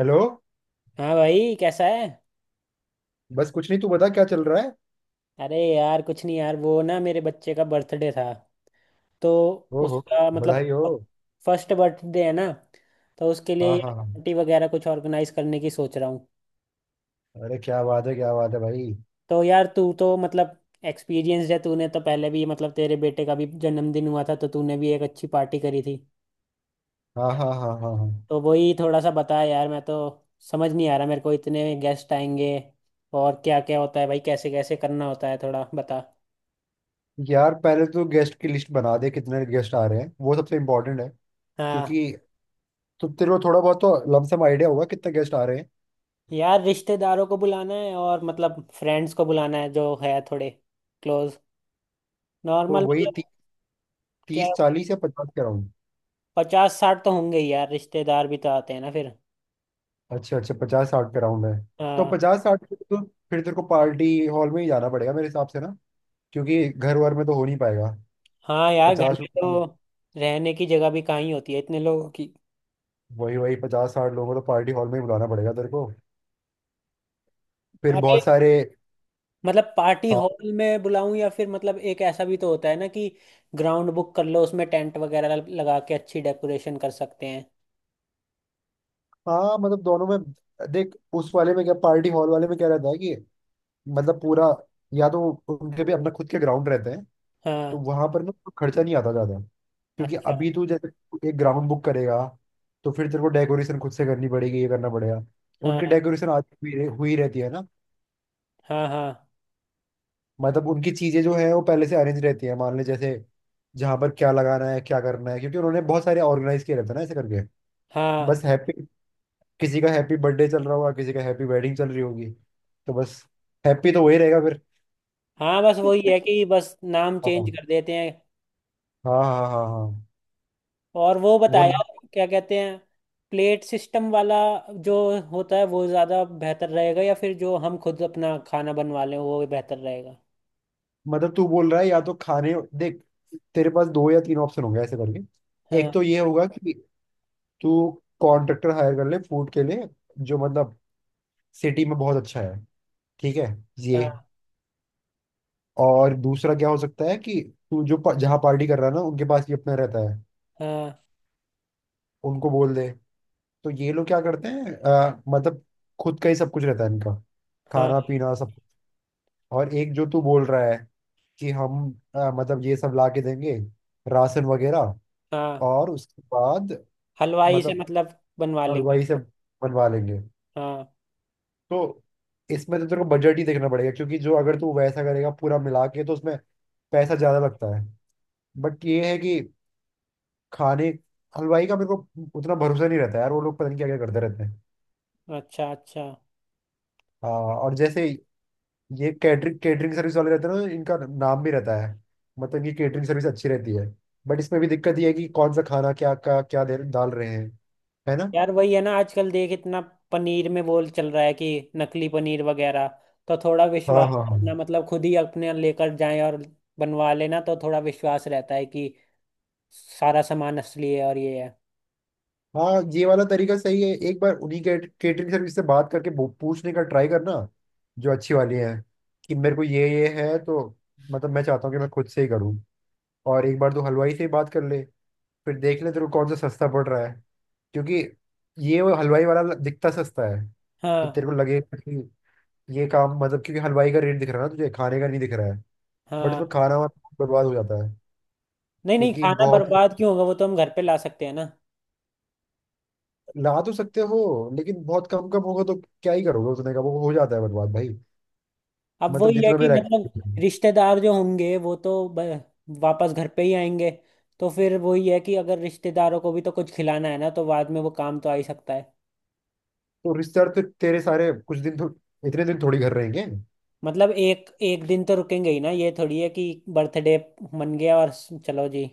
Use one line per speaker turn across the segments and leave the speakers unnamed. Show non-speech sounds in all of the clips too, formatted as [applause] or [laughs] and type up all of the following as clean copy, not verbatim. Hello.
हाँ भाई, कैसा है?
बस कुछ नहीं, तू बता क्या चल रहा है।
अरे यार, कुछ नहीं यार, वो ना मेरे बच्चे का बर्थडे था। तो
ओहो,
उसका मतलब
बधाई हो।
फर्स्ट बर्थडे है ना, तो उसके
हाँ
लिए
हाँ हाँ,
पार्टी वगैरह कुछ ऑर्गेनाइज करने की सोच रहा हूँ।
अरे क्या बात है भाई।
तो यार तू तो मतलब एक्सपीरियंस है, तूने तो पहले भी मतलब तेरे बेटे का भी जन्मदिन हुआ था, तो तूने भी एक अच्छी पार्टी करी थी।
हाँ हाँ हाँ हाँ हाँ।
तो वही थोड़ा सा बता यार, मैं तो समझ नहीं आ रहा, मेरे को इतने गेस्ट आएंगे और क्या क्या होता है भाई, कैसे कैसे करना होता है, थोड़ा बता।
यार पहले तो गेस्ट की लिस्ट बना दे, कितने गेस्ट आ रहे हैं वो सबसे इम्पोर्टेंट है।
हाँ,
क्योंकि तो तेरे को थोड़ा बहुत तो लमसम आइडिया होगा कितने गेस्ट आ रहे हैं।
यार रिश्तेदारों को बुलाना है, और मतलब फ्रेंड्स को बुलाना है जो है थोड़े क्लोज,
तो
नॉर्मल
वही
मतलब। क्या,
तीस चालीस या पचास के राउंड।
50 60 तो होंगे ही यार, रिश्तेदार भी तो आते हैं ना फिर।
अच्छा अच्छा, पचास साठ के राउंड है। तो
हाँ।
पचास साठ के तो फिर तेरे को पार्टी हॉल में ही जाना पड़ेगा मेरे हिसाब से ना, क्योंकि घर वर में तो हो नहीं पाएगा।
हाँ यार, घर
पचास,
में तो रहने की जगह भी कहाँ ही होती है इतने लोगों की।
वही वही, पचास साठ लोगों को तो पार्टी हॉल में ही बुलाना पड़ेगा तेरे को। फिर
अरे
बहुत सारे,
मतलब पार्टी
हाँ
हॉल में बुलाऊं या फिर मतलब एक ऐसा भी तो होता है ना कि ग्राउंड बुक कर लो, उसमें टेंट वगैरह लगा के अच्छी डेकोरेशन कर सकते हैं।
हाँ, मतलब दोनों में देख उस वाले में क्या पार्टी हॉल वाले में क्या रहता है कि मतलब पूरा, या तो उनके भी अपना खुद के ग्राउंड रहते हैं, तो
हाँ।
वहां पर ना कोई खर्चा नहीं आता ज्यादा। क्योंकि
अच्छा।
अभी तू जैसे एक ग्राउंड बुक करेगा तो फिर तेरे को डेकोरेशन खुद से करनी पड़ेगी, ये करना पड़ेगा। उनकी
हाँ
डेकोरेशन आज हुई रहती है ना।
हाँ हाँ
मतलब उनकी चीजें जो है वो पहले से अरेंज रहती है। मान ले जैसे जहाँ पर क्या लगाना है क्या करना है, क्योंकि उन्होंने बहुत सारे ऑर्गेनाइज किए रहते हैं ना ऐसे करके।
हाँ
बस हैप्पी, किसी का हैप्पी बर्थडे चल रहा होगा किसी का हैप्पी वेडिंग चल रही होगी, तो बस हैप्पी तो वही रहेगा फिर।
हाँ, बस वही
[laughs]
है कि बस नाम चेंज
हाँ
कर देते हैं।
हाँ हाँ हाँ हाँ।
और वो
वो
बताया,
ना,
क्या कहते हैं, प्लेट सिस्टम वाला जो होता है वो ज़्यादा बेहतर रहेगा या फिर जो हम खुद अपना खाना बनवा लें वो बेहतर रहेगा।
मतलब तू बोल रहा है या तो खाने देख, तेरे पास दो या तीन ऑप्शन होंगे ऐसे करके। एक
हाँ।
तो ये होगा कि तू कॉन्ट्रैक्टर हायर कर ले फूड के लिए, जो मतलब सिटी में बहुत अच्छा है, ठीक है ये।
हाँ।
और दूसरा क्या हो सकता है कि तू जो जहाँ पार्टी कर रहा है ना उनके पास भी अपना रहता है,
हाँ
उनको बोल दे। तो ये लोग क्या करते हैं मतलब खुद का ही सब कुछ रहता है इनका,
हाँ
खाना पीना सब कुछ। और एक जो तू बोल रहा है कि हम मतलब ये सब ला के देंगे, राशन वगैरह,
हाँ।
और उसके बाद
हलवाई से
मतलब
मतलब बनवा लेंगे।
हलवाई से बनवा लेंगे।
हाँ।
तो इसमें तो तेरे को बजट ही देखना पड़ेगा, क्योंकि जो अगर तू वैसा करेगा पूरा मिला के तो उसमें पैसा ज़्यादा लगता है। बट ये है कि खाने, हलवाई का मेरे को उतना भरोसा नहीं रहता यार, वो लोग पता नहीं क्या क्या करते रहते हैं।
अच्छा अच्छा।
हाँ, और जैसे ये कैटरिंग कैटरिंग सर्विस वाले रहते हैं ना, इनका नाम भी रहता है, मतलब इनकी कैटरिंग सर्विस अच्छी रहती है। बट इसमें भी दिक्कत ये है कि कौन सा खाना क्या क्या क्या दे डाल रहे हैं, है ना।
यार वही है ना, आजकल देख इतना पनीर में बोल चल रहा है कि नकली पनीर वगैरह, तो थोड़ा
हाँ
विश्वास
हाँ
अपना
हाँ
मतलब खुद ही अपने लेकर जाएं और बनवा लेना, तो थोड़ा विश्वास रहता है कि सारा सामान असली है और ये है।
हाँ, ये वाला तरीका सही है। एक बार उन्हीं के केटरिंग सर्विस से बात करके पूछने का ट्राई करना, जो अच्छी वाली है, कि मेरे को ये है तो मतलब मैं चाहता हूँ कि मैं खुद से ही करूँ। और एक बार तो हलवाई से ही बात कर ले, फिर देख ले तेरे को कौन सा सस्ता पड़ रहा है। क्योंकि ये वो हलवाई वाला दिखता सस्ता है, कि
हाँ।
तेरे को लगे ये काम, मतलब क्योंकि हलवाई का रेट दिख रहा है ना तुझे, खाने का नहीं दिख रहा है। बट
हाँ,
इसमें खाना वाना बहुत बर्बाद हो जाता है।
नहीं नहीं,
क्योंकि
खाना
बहुत,
बर्बाद क्यों होगा, वो तो हम घर पे ला सकते हैं ना।
ला तो सकते हो लेकिन बहुत कम कम होगा तो क्या ही करोगे उसने का, वो हो जाता है बर्बाद भाई।
अब
मतलब
वही है
जितना
कि
मेरा
मतलब
experience है।
रिश्तेदार जो होंगे वो तो वापस घर पे ही आएंगे, तो फिर वही है कि अगर रिश्तेदारों को भी तो कुछ खिलाना है ना, तो बाद में वो काम तो आ ही सकता है।
तो रिश्तेदार तो तेरे सारे कुछ दिन तो, इतने दिन थोड़ी घर रहेंगे।
मतलब एक एक दिन तो रुकेंगे ही ना, ये थोड़ी है कि बर्थडे मन गया और चलो जी।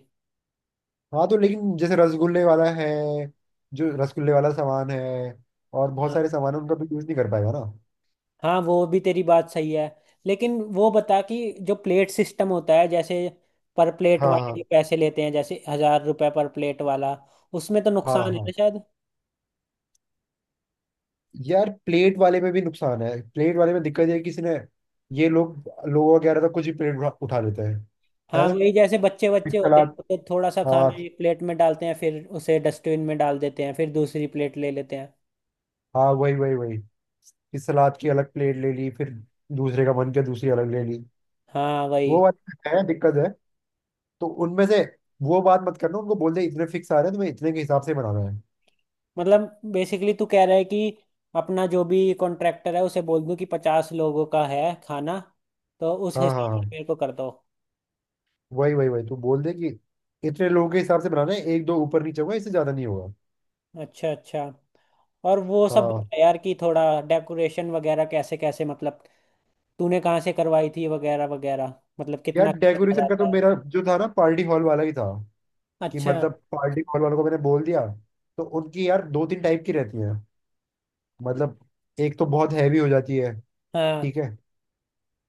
हाँ, तो लेकिन जैसे रसगुल्ले वाला है, जो रसगुल्ले वाला सामान है और बहुत
हाँ।
सारे सामान है उनका तो यूज नहीं कर पाएगा ना।
हाँ, वो भी तेरी बात सही है, लेकिन वो बता कि जो प्लेट सिस्टम होता है जैसे पर प्लेट
हाँ
वाले जो
हाँ
पैसे लेते हैं जैसे 1000 रुपए पर प्लेट वाला, उसमें तो
हाँ
नुकसान है ना
हाँ,
शायद।
यार प्लेट वाले में भी नुकसान है। प्लेट वाले में दिक्कत ये है कि किसी ने, ये लोग लोगों का कह रहा था, कुछ भी प्लेट उठा उठा लेते हैं, है
हाँ
ना।
वही, जैसे बच्चे
फिर
बच्चे होते
सलाद,
हैं तो थोड़ा सा
हाँ
खाना एक प्लेट में डालते हैं, फिर उसे डस्टबिन में डाल देते हैं, फिर दूसरी प्लेट ले लेते हैं।
हाँ वही वही वही, फिर सलाद की अलग प्लेट ले ली, फिर दूसरे का मन किया दूसरी अलग ले ली,
हाँ
वो
वही।
बात है, दिक्कत है। तो उनमें से वो बात मत करना, उनको बोल दे इतने फिक्स आ रहे हैं तुम्हें, इतने के हिसाब से बनाना है।
मतलब बेसिकली तू कह रहा है कि अपना जो भी कॉन्ट्रैक्टर है उसे बोल दूं कि 50 लोगों का है खाना, तो उस
हाँ
हिसाब
हाँ हाँ,
से मेरे को कर दो।
वही वही वही, तू बोल दे कि इतने लोगों के हिसाब से बनाना है, एक दो ऊपर नीचे होगा इससे ज्यादा नहीं होगा।
अच्छा अच्छा। और वो सब
हाँ
बता यार कि थोड़ा डेकोरेशन वगैरह कैसे कैसे मतलब तूने कहाँ से करवाई थी वगैरह वगैरह, मतलब
यार,
कितना खर्चा आ
डेकोरेशन का
जाता
तो
है।
मेरा जो था ना पार्टी हॉल वाला ही था। कि
अच्छा।
मतलब पार्टी हॉल वालों को मैंने बोल दिया, तो उनकी यार दो तीन टाइप की रहती है। मतलब एक तो बहुत हैवी हो जाती है,
हाँ
ठीक है,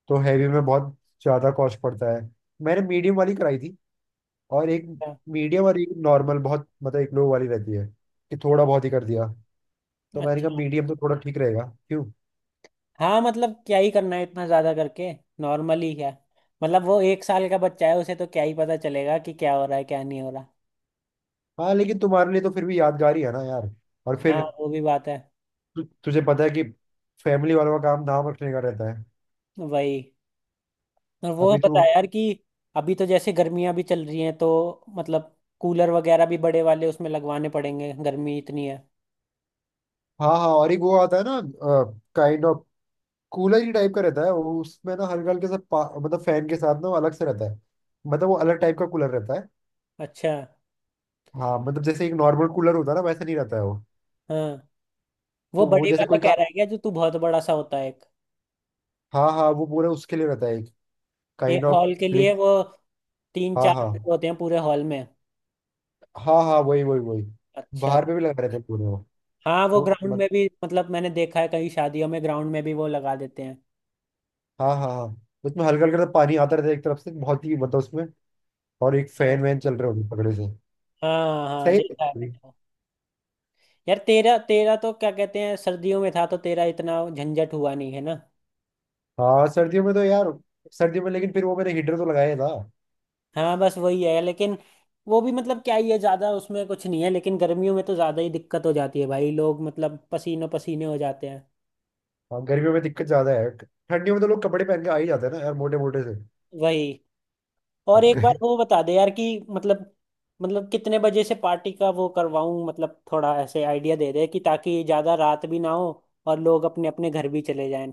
तो हैवी में बहुत ज्यादा कॉस्ट पड़ता है। मैंने मीडियम वाली कराई थी, और एक
हाँ।
मीडियम और एक नॉर्मल, बहुत मतलब एक लो वाली रहती है कि थोड़ा बहुत ही कर दिया। तो मैंने कहा
अच्छा।
मीडियम तो थोड़ा ठीक रहेगा। क्यों,
हाँ मतलब क्या ही करना है इतना ज्यादा करके, नॉर्मली क्या, मतलब वो 1 साल का बच्चा है, उसे तो क्या ही पता चलेगा कि क्या हो रहा है क्या नहीं हो रहा।
हाँ लेकिन तुम्हारे लिए तो फिर भी यादगार ही है ना यार। और
हाँ
फिर
वो भी बात है।
तुझे पता है कि फैमिली वालों का काम नाम रखने का रहता है।
वही, और वो
अभी
बता
तू,
यार कि अभी तो जैसे गर्मियां भी चल रही हैं तो मतलब कूलर वगैरह भी बड़े वाले उसमें लगवाने पड़ेंगे, गर्मी इतनी है।
हाँ हाँ, और एक वो आता है ना, काइंड ऑफ कूलर ही टाइप का रहता है वो। उसमें ना हल्का मतलब फैन के साथ ना वो अलग से रहता है, मतलब वो अलग टाइप का कूलर रहता है।
अच्छा।
हाँ मतलब जैसे एक नॉर्मल कूलर होता है ना वैसा नहीं रहता है वो।
हाँ, वो
तो वो
बड़े
जैसे
वाला
कोई का,
कह रहा है क्या, जो तू बहुत बड़ा सा होता है एक,
हाँ हाँ, वो पूरा उसके लिए रहता है एक, काइंड
एक
ऑफ
हॉल के
प्लेस।
लिए वो तीन
हाँ
चार
हाँ
होते हैं पूरे हॉल में।
हाँ हाँ, वही वही वही,
अच्छा।
बाहर पे भी लगा रहता है पूरे वो।
हाँ वो
तो
ग्राउंड
मत,
में भी मतलब मैंने देखा है, कई शादियों में ग्राउंड में भी वो लगा देते हैं।
हाँ हाँ हाँ, उसमें हल्का हल्का सा पानी आता रहता है एक तरफ से, बहुत ही मतलब उसमें, और एक फैन
हाँ
वैन चल रहे होंगे पकड़े से।
हाँ हाँ,
सही
देखा है
है।
मैंने। यार तेरा तेरा तो क्या कहते हैं सर्दियों में था, तो तेरा इतना झंझट हुआ नहीं है ना।
हाँ सर्दियों में तो यार, सर्दियों में लेकिन फिर वो मैंने हीटर तो लगाया था।
हाँ बस वही है, लेकिन वो भी मतलब क्या ही है, ज्यादा उसमें कुछ नहीं है, लेकिन गर्मियों में तो ज्यादा ही दिक्कत हो जाती है भाई, लोग मतलब पसीनों पसीने हो जाते हैं।
हाँ गर्मियों में दिक्कत ज्यादा है, ठंडियों में तो लोग कपड़े पहन के आ ही जाते हैं ना यार, मोटे मोटे से।
वही,
[laughs]
और
अब
एक बार
के-
वो बता दे यार कि मतलब, मतलब कितने बजे से पार्टी का वो करवाऊं, मतलब थोड़ा ऐसे आइडिया दे दे कि ताकि ज्यादा रात भी ना हो और लोग अपने अपने घर भी चले जाएं।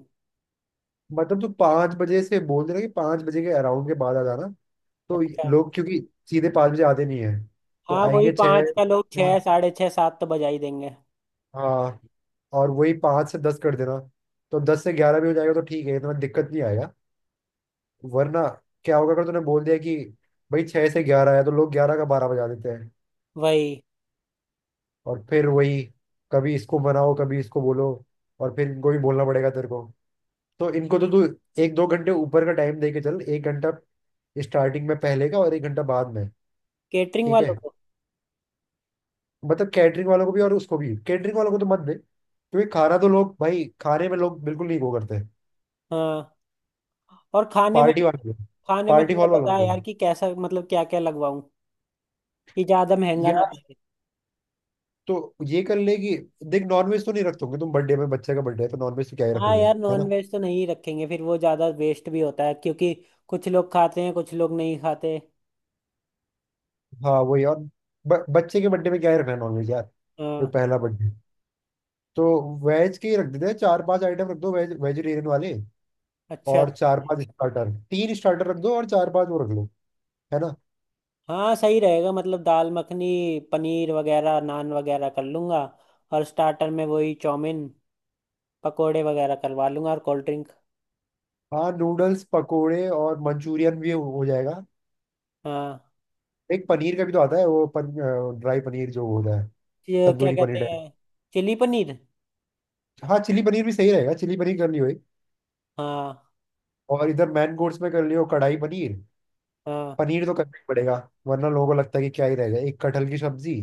मतलब तू पाँच बजे से बोल देना कि पाँच बजे के अराउंड के बाद आ जाना।
अच्छा।
लोग क्योंकि सीधे पाँच बजे आते नहीं है, तो
हाँ वही,
आएंगे छः
पाँच का लोग
या-
छः, साढ़े छः, सात तो बजा ही देंगे।
हाँ। और वही पाँच से दस कर देना, तो दस से ग्यारह भी हो जाएगा तो ठीक है, इतना दिक्कत नहीं आएगा। वरना क्या होगा, अगर तूने बोल दिया कि भाई छः से ग्यारह है तो लोग ग्यारह का बारह बजा देते हैं।
वही।
और फिर वही, कभी इसको बनाओ कभी इसको बोलो। और फिर इनको भी बोलना पड़ेगा तेरे को, तो इनको तो तू एक दो घंटे ऊपर का टाइम दे के चल, एक घंटा स्टार्टिंग में पहले का और एक घंटा बाद में।
केटरिंग
ठीक
वालों
है,
को?
मतलब कैटरिंग वालों को भी और उसको भी। कैटरिंग वालों को तो मत दे, क्योंकि खाना तो लोग, भाई खाने में लोग बिल्कुल नहीं वो करते।
हाँ। और खाने में,
पार्टी वाले,
खाने में
पार्टी
थोड़ा
हॉल वालों
बता
को।
यार कि कैसा मतलब क्या क्या लगवाऊं कि ज्यादा महंगा
या
ना पड़े।
तो ये कर ले कि देख नॉनवेज तो नहीं रखोगे तुम बर्थडे में, बच्चे का बर्थडे है तो नॉनवेज तो क्या ही
हाँ
रखोगे,
यार
है
नॉन
ना।
वेज तो नहीं रखेंगे, फिर वो ज्यादा वेस्ट भी होता है क्योंकि कुछ लोग खाते हैं कुछ लोग नहीं खाते।
हाँ वही, और बच्चे के बर्थडे में क्या ही रखना है नॉनवेज यार। वो
हाँ।
पहला बर्थडे, तो वेज के ही रख देते हैं, चार पांच आइटम रख दो वेज वेजिटेरियन वाले।
अच्छा
और
अच्छा।
चार पांच स्टार्टर, तीन स्टार्टर रख दो, और चार पांच वो रख लो, है ना।
हाँ सही रहेगा, मतलब दाल मखनी, पनीर वगैरह, नान वगैरह कर लूंगा, और स्टार्टर में वही चाउमीन, पकोड़े वगैरह करवा लूंगा और कोल्ड ड्रिंक।
हाँ नूडल्स पकोड़े और मंचूरियन भी हो जाएगा।
हाँ।
एक पनीर का भी तो आता है वो ड्राई पनीर जो होता है,
ये क्या
तंदूरी पनीर
कहते हैं,
टाइप।
चिली पनीर।
हाँ चिली पनीर भी सही रहेगा, चिली पनीर कर लियो एक।
हाँ।
और इधर मैन कोर्स में कर लियो कढ़ाई पनीर,
हाँ
पनीर तो करना ही पड़ेगा, वरना लोगों को लगता है कि क्या ही रहेगा। एक कटहल की सब्जी,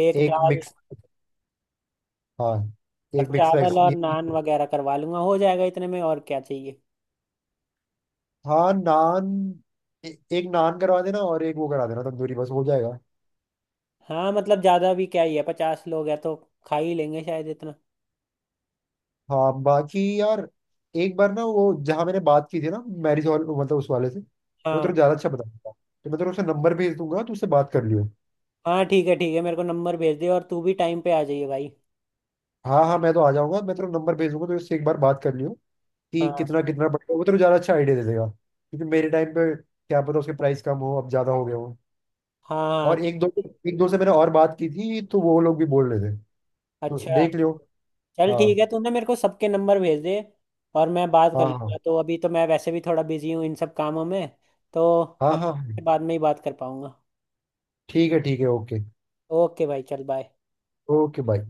एक
एक
दाल
मिक्स, हाँ
और
एक मिक्स वेज
चावल और
ये।
नान वगैरह करवा लूंगा, हो जाएगा इतने में और क्या चाहिए।
हाँ नान, एक नान करवा देना और एक वो करा देना तंदूरी, बस हो जाएगा।
हाँ मतलब ज़्यादा भी क्या ही है, 50 लोग हैं तो खा ही लेंगे शायद इतना।
हाँ बाकी यार एक बार ना वो जहाँ मैंने बात की थी ना, मैरिज हॉल मतलब उस वाले से, वो
हाँ।
तेरे को ज्यादा अच्छा बताऊंगा तो मैं तेरे को उसका नंबर भेज दूंगा, तो उससे बात कर लियो।
हाँ ठीक है ठीक है, मेरे को नंबर भेज दे और तू भी टाइम पे आ जाइए भाई।
हाँ हाँ, मैं तो आ जाऊंगा। मैं तेरे को नंबर भेज दूंगा तो उससे एक बार बात कर लियो, कि
हाँ,
कितना कितना पड़ेगा। वो तेरे को ज्यादा अच्छा आइडिया दे देगा, क्योंकि मेरे टाइम पे क्या पता उसके प्राइस कम हो, अब ज्यादा हो गए हो।
हाँ हाँ
और
ठीक।
एक दो, एक दो से मैंने और बात की थी, तो वो लोग भी बोल रहे थे, तो
अच्छा।
देख लियो।
चल
हाँ
ठीक है, तूने मेरे को सबके नंबर भेज दे और मैं बात कर
हाँ
लूंगा,
हाँ
तो अभी तो मैं वैसे भी थोड़ा बिजी हूँ इन सब कामों में। तो
हाँ
अब
हाँ हाँ।
बाद में ही बात कर पाऊंगा।
ठीक है ठीक है, ओके।
ओके भाई चल बाय।
Okay bye.